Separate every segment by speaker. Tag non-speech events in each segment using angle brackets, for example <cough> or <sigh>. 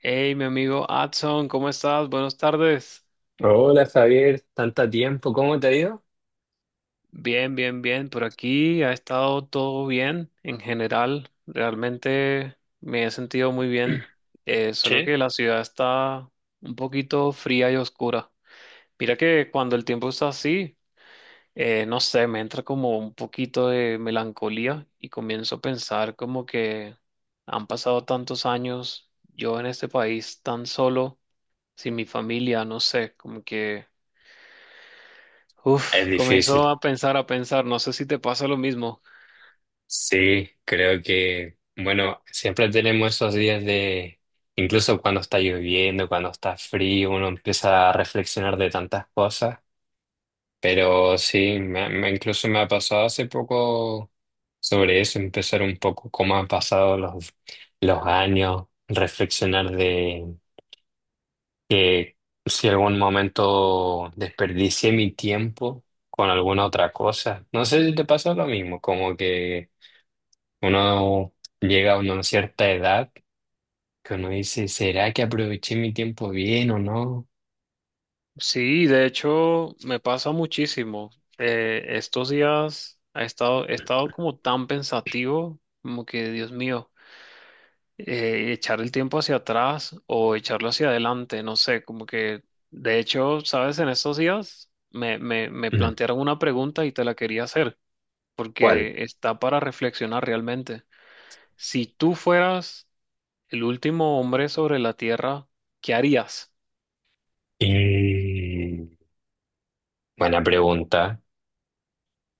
Speaker 1: Hey, mi amigo Adson, ¿cómo estás? Buenas tardes.
Speaker 2: Hola Javier, tanto tiempo, ¿cómo te ha ido?
Speaker 1: Bien, bien, bien. Por aquí ha estado todo bien en general. Realmente me he sentido muy bien. Solo
Speaker 2: Sí.
Speaker 1: que la ciudad está un poquito fría y oscura. Mira que cuando el tiempo está así, no sé, me entra como un poquito de melancolía y comienzo a pensar como que han pasado tantos años yo en este país tan solo, sin mi familia, no sé, como que... Uf,
Speaker 2: Es
Speaker 1: comenzó
Speaker 2: difícil.
Speaker 1: a pensar, no sé si te pasa lo mismo.
Speaker 2: Sí, creo que, bueno, siempre tenemos esos días de, incluso cuando está lloviendo, cuando está frío, uno empieza a reflexionar de tantas cosas, pero sí, incluso me ha pasado hace poco sobre eso, empezar un poco cómo han pasado los años, reflexionar que si algún momento desperdicié mi tiempo con alguna otra cosa. No sé si te pasa lo mismo, como que uno llega a una cierta edad que uno dice, ¿será que aproveché mi tiempo bien o no?
Speaker 1: Sí, de hecho, me pasa muchísimo. Estos días he estado como tan pensativo, como que, Dios mío, echar el tiempo hacia atrás o echarlo hacia adelante, no sé, como que, de hecho, sabes, en estos días me
Speaker 2: Mm.
Speaker 1: plantearon una pregunta y te la quería hacer,
Speaker 2: ¿Cuál?
Speaker 1: porque está para reflexionar realmente. Si tú fueras el último hombre sobre la Tierra, ¿qué harías?
Speaker 2: Y buena pregunta.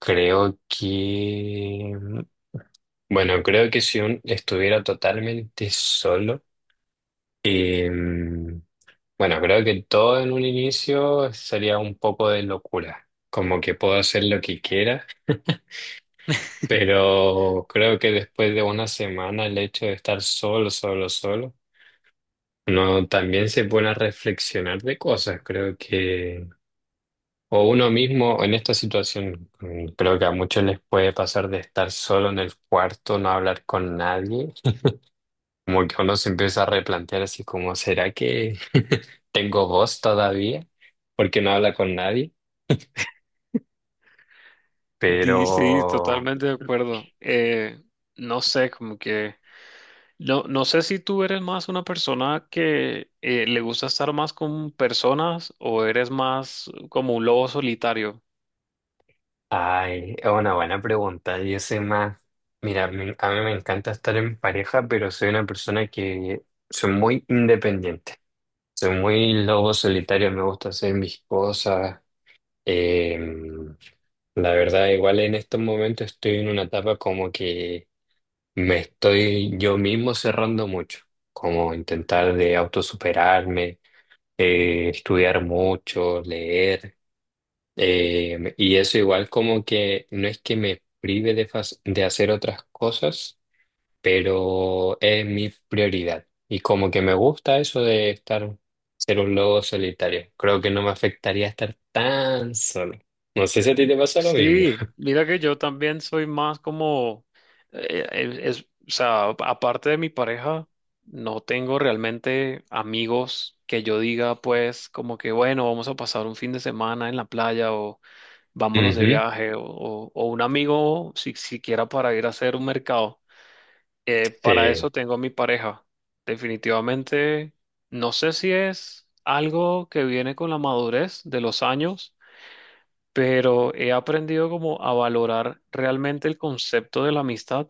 Speaker 2: Creo que, bueno, creo que si uno estuviera totalmente solo, eh, bueno, creo que todo en un inicio sería un poco de locura, como que puedo hacer lo que quiera, pero creo que después de una semana el hecho de estar solo, solo, solo, uno también se pone a reflexionar de cosas, creo que, o uno mismo en esta situación, creo que a muchos les puede pasar de estar solo en el cuarto, no hablar con nadie, como que uno se empieza a replantear así como, ¿será que <laughs> tengo voz todavía? Porque no habla con nadie. Pero,
Speaker 1: Sí, totalmente de acuerdo. No sé, como que... No, no sé si tú eres más una persona que le gusta estar más con personas o eres más como un lobo solitario.
Speaker 2: ay, es una buena pregunta. Yo soy más, mira, a mí me encanta estar en pareja, pero soy una persona que soy muy independiente. Soy muy lobo solitario, me gusta hacer mis cosas. Em, la verdad, igual en estos momentos estoy en una etapa como que me estoy yo mismo cerrando mucho, como intentar de autosuperarme, estudiar mucho, leer. Y eso igual como que no es que me prive de, de hacer otras cosas, pero es mi prioridad. Y como que me gusta eso de estar, ser un lobo solitario. Creo que no me afectaría estar tan solo. No sé si a ti te pasa lo mismo.
Speaker 1: Sí,
Speaker 2: <laughs>
Speaker 1: mira que yo también soy más como, es, o sea, aparte de mi pareja, no tengo realmente amigos que yo diga, pues, como que, bueno, vamos a pasar un fin de semana en la playa o vámonos de
Speaker 2: Ujú,
Speaker 1: viaje o un amigo si, siquiera para ir a hacer un mercado. Para
Speaker 2: sí.
Speaker 1: eso tengo a mi pareja. Definitivamente, no sé si es algo que viene con la madurez de los años, pero he aprendido como a valorar realmente el concepto de la amistad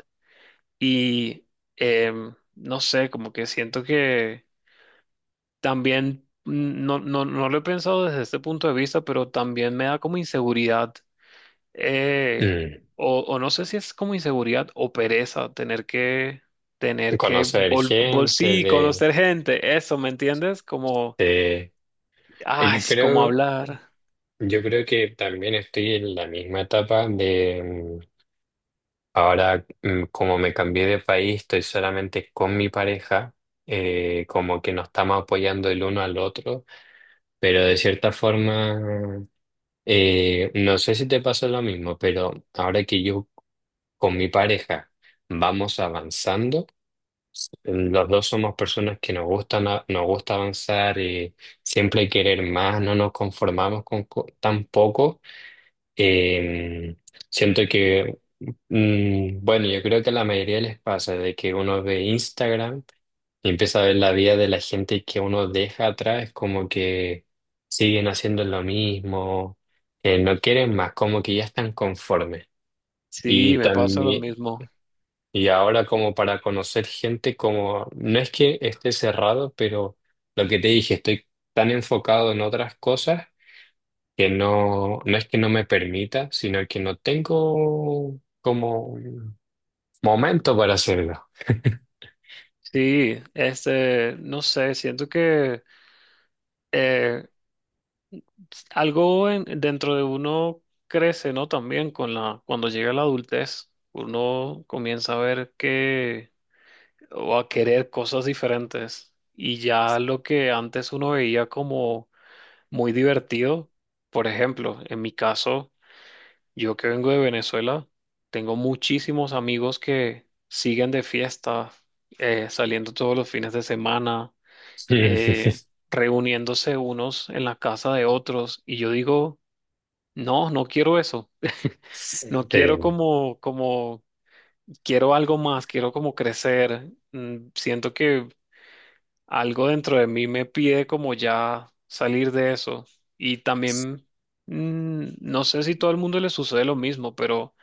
Speaker 1: y, no sé, como que siento que también, mm, no lo he pensado desde este punto de vista, pero también me da como inseguridad, eh,
Speaker 2: Mm.
Speaker 1: o no sé si es como inseguridad o pereza tener que
Speaker 2: Conocer gente
Speaker 1: sí,
Speaker 2: de,
Speaker 1: conocer gente, eso, ¿me entiendes? Como,
Speaker 2: de-
Speaker 1: ay,
Speaker 2: Y
Speaker 1: como
Speaker 2: creo,
Speaker 1: hablar.
Speaker 2: yo creo que también estoy en la misma etapa de ahora, como me cambié de país, estoy solamente con mi pareja, como que nos estamos apoyando el uno al otro, pero de cierta forma, no sé si te pasó lo mismo, pero ahora que yo con mi pareja vamos avanzando, los dos somos personas que nos gustan, nos gusta avanzar, siempre querer más, no nos conformamos con tan poco. eh, Siento que bueno, yo creo que a la mayoría les pasa de que uno ve Instagram y empieza a ver la vida de la gente que uno deja atrás, como que siguen haciendo lo mismo, no quieren más, como que ya están conformes.
Speaker 1: Sí,
Speaker 2: Y
Speaker 1: me pasa lo
Speaker 2: también,
Speaker 1: mismo.
Speaker 2: y ahora como para conocer gente, como no es que esté cerrado, pero lo que te dije, estoy tan enfocado en otras cosas que no, no es que no me permita, sino que no tengo como momento para hacerlo.
Speaker 1: Sí, este, no sé, siento que eh, dentro de uno crece, ¿no? También con la, cuando llega la adultez, uno comienza a ver que, o a querer cosas diferentes. Y ya lo que antes uno veía como muy divertido, por ejemplo, en mi caso, yo que vengo de Venezuela, tengo muchísimos amigos que siguen de fiesta, saliendo todos los fines de semana,
Speaker 2: Sí, sí,
Speaker 1: eh, reuniéndose unos en la casa de otros, y yo digo, no, no quiero eso, <laughs>
Speaker 2: sí.
Speaker 1: no quiero como, como, quiero algo más, quiero como crecer. Mm, siento que algo dentro de mí me pide como ya salir de eso. Y también, mm, no sé si todo el mundo le sucede lo mismo, pero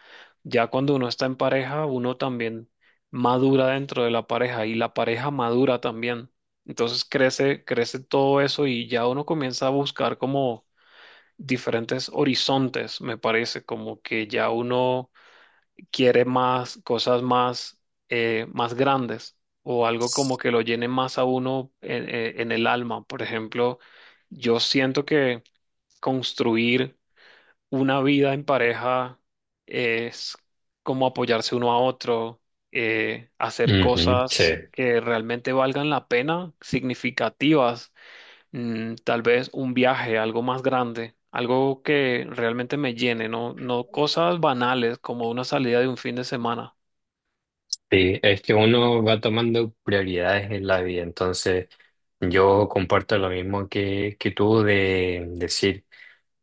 Speaker 1: ya cuando uno está en pareja, uno también madura dentro de la pareja y la pareja madura también. Entonces crece, crece todo eso y ya uno comienza a buscar como diferentes horizontes, me parece, como que ya uno quiere más cosas más, más grandes, o algo como que lo llene más a uno en, en el alma. Por ejemplo, yo siento que construir una vida en pareja es como apoyarse uno a otro, hacer
Speaker 2: Ujú, sí.
Speaker 1: cosas que realmente valgan la pena, significativas, mm, tal vez un viaje, algo más grande. Algo que realmente me llene, no, no cosas banales como una salida de un fin de semana.
Speaker 2: Sí, es que uno va tomando prioridades en la vida, entonces yo comparto lo mismo que tú de decir,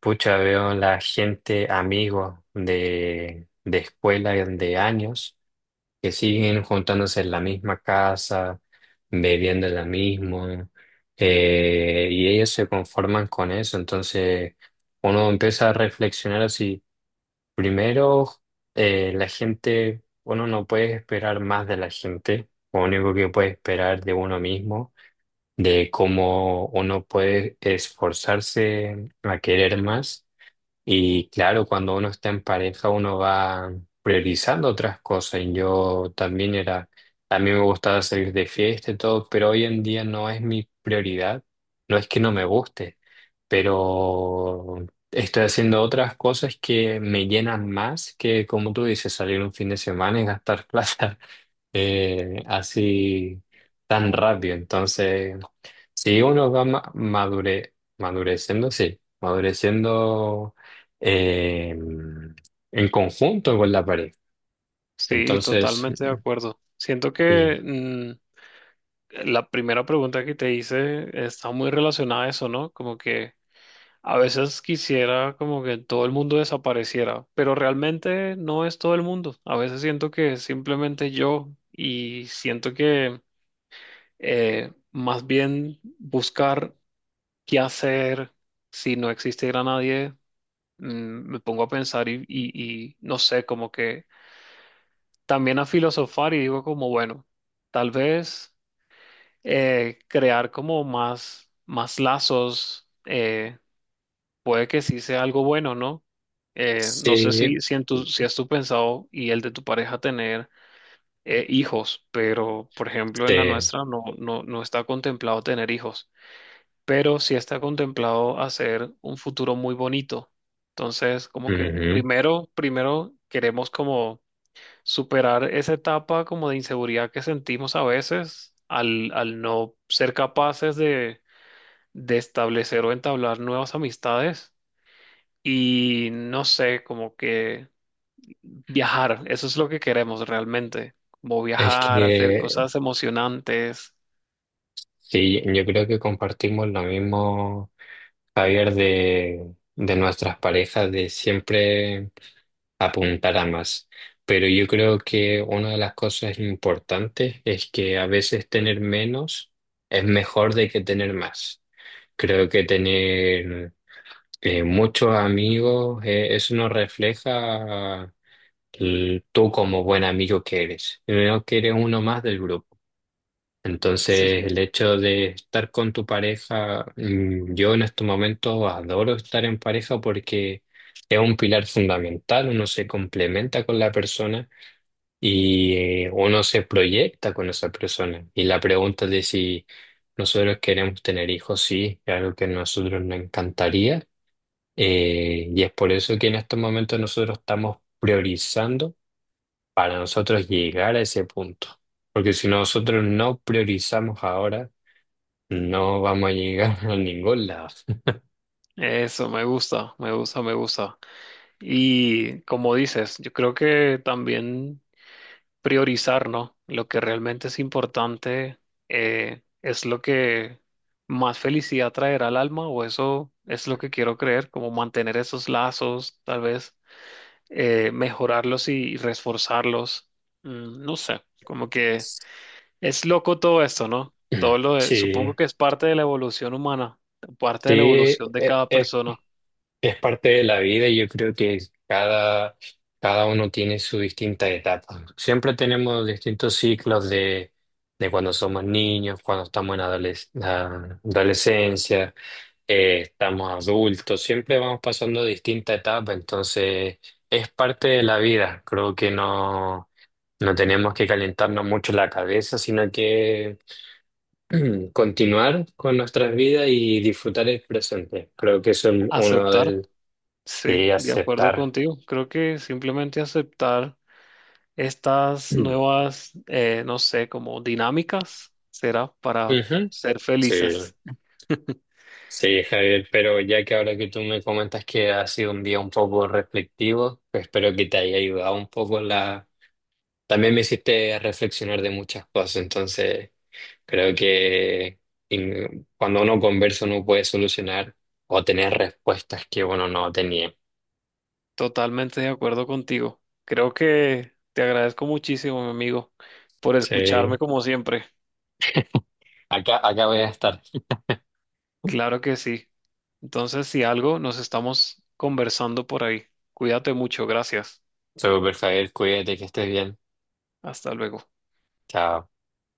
Speaker 2: pucha, veo la gente, amigos de escuela y de años que siguen juntándose en la misma casa, bebiendo lo mismo, y ellos se conforman con eso, entonces uno empieza a reflexionar así. Primero, la gente, uno no puede esperar más de la gente, lo único que puede esperar de uno mismo, de cómo uno puede esforzarse a querer más. Y claro, cuando uno está en pareja, uno va priorizando otras cosas. Y yo también era, a mí me gustaba salir de fiesta y todo, pero hoy en día no es mi prioridad. No es que no me guste, pero estoy haciendo otras cosas que me llenan más que, como tú dices, salir un fin de semana y gastar plata. <laughs> Así tan rápido. Entonces, si uno va madureciendo, sí, madureciendo eh, en conjunto con la pareja.
Speaker 1: Sí,
Speaker 2: Entonces,
Speaker 1: totalmente de acuerdo. Siento
Speaker 2: y,
Speaker 1: que, mm, la primera pregunta que te hice está muy relacionada a eso, ¿no? Como que a veces quisiera como que todo el mundo desapareciera, pero realmente no es todo el mundo. A veces siento que es simplemente yo, y siento que más bien buscar qué hacer si no existiera nadie, mm, me pongo a pensar y no sé, como que... también a filosofar y digo como, bueno, tal vez crear como más, más lazos, puede que sí sea algo bueno, ¿no? No sé
Speaker 2: sí,
Speaker 1: si, si, en tu, si has tú pensado y el de tu pareja tener hijos, pero por ejemplo
Speaker 2: sí,
Speaker 1: en la nuestra no, no está contemplado tener hijos, pero sí está contemplado hacer un futuro muy bonito. Entonces, como que
Speaker 2: ujú.
Speaker 1: primero, primero queremos como superar esa etapa como de inseguridad que sentimos a veces al, al no ser capaces de establecer o entablar nuevas amistades y no sé, como que viajar, eso es lo que queremos realmente, como
Speaker 2: Es
Speaker 1: viajar, hacer
Speaker 2: que
Speaker 1: cosas emocionantes.
Speaker 2: sí, yo creo que compartimos lo mismo, Javier, de nuestras parejas, de siempre. Apuntar a más. Pero yo creo que una de las cosas importantes es que a veces tener menos es mejor de que tener más. Creo que tener muchos amigos, eso no refleja tú como buen amigo que eres, sino que eres uno más del grupo.
Speaker 1: Sí,
Speaker 2: Entonces,
Speaker 1: sí.
Speaker 2: el hecho de estar con tu pareja, yo en estos momentos adoro estar en pareja porque es un pilar fundamental, uno se complementa con la persona y uno se proyecta con esa persona. Y la pregunta de si nosotros queremos tener hijos, sí, es algo que a nosotros nos encantaría. Y es por eso que en estos momentos nosotros estamos priorizando para nosotros llegar a ese punto. Porque si nosotros no priorizamos ahora, no vamos a llegar <laughs> a ningún lado.
Speaker 1: Eso me gusta, me gusta, me gusta. Y como dices, yo creo que también priorizar, ¿no? Lo que realmente es importante, es lo que más felicidad traerá al alma, o eso es lo que quiero creer, como mantener esos lazos, tal vez mejorarlos y reforzarlos. Mm, no sé, como que es loco todo esto, ¿no? Todo
Speaker 2: <clears throat>
Speaker 1: lo
Speaker 2: Sí,
Speaker 1: supongo que es parte de la evolución humana, parte
Speaker 2: sí,
Speaker 1: de la evolución de
Speaker 2: e-
Speaker 1: cada
Speaker 2: es,
Speaker 1: persona.
Speaker 2: es parte de la vida y yo creo que cada, cada uno tiene su distinta etapa. Siempre tenemos distintos ciclos de cuando somos niños, cuando estamos en la adolescencia, estamos adultos, siempre vamos pasando distinta etapa, entonces es parte de la vida. Creo que no, no tenemos que calentarnos mucho la cabeza, sino que... <clears throat> Continuar con nuestras vidas y disfrutar el presente. Creo que eso es uno
Speaker 1: Aceptar,
Speaker 2: del...
Speaker 1: sí,
Speaker 2: Sí,
Speaker 1: de acuerdo
Speaker 2: aceptar.
Speaker 1: contigo.
Speaker 2: <clears throat>
Speaker 1: Creo que simplemente aceptar estas
Speaker 2: Mm.
Speaker 1: nuevas, no sé, como dinámicas, será para
Speaker 2: Ujú.
Speaker 1: ser
Speaker 2: Sí,
Speaker 1: felices.
Speaker 2: sí, Javier, pero ya que ahora que tú me comentas que ha sido un día un poco reflectivo, pues espero que te haya ayudado un poco la... También me hiciste reflexionar de muchas cosas, entonces creo que cuando uno conversa uno puede solucionar o tener respuestas que uno no tenía.
Speaker 1: Totalmente de acuerdo contigo. Creo que te agradezco muchísimo, mi amigo, por escucharme
Speaker 2: Sí,
Speaker 1: como siempre.
Speaker 2: acá, acá voy a estar.
Speaker 1: Claro que sí. Entonces, si algo, nos estamos conversando por ahí. Cuídate mucho. Gracias.
Speaker 2: Súper, Javier, cuídate, que estés bien.
Speaker 1: Hasta luego.
Speaker 2: Chao.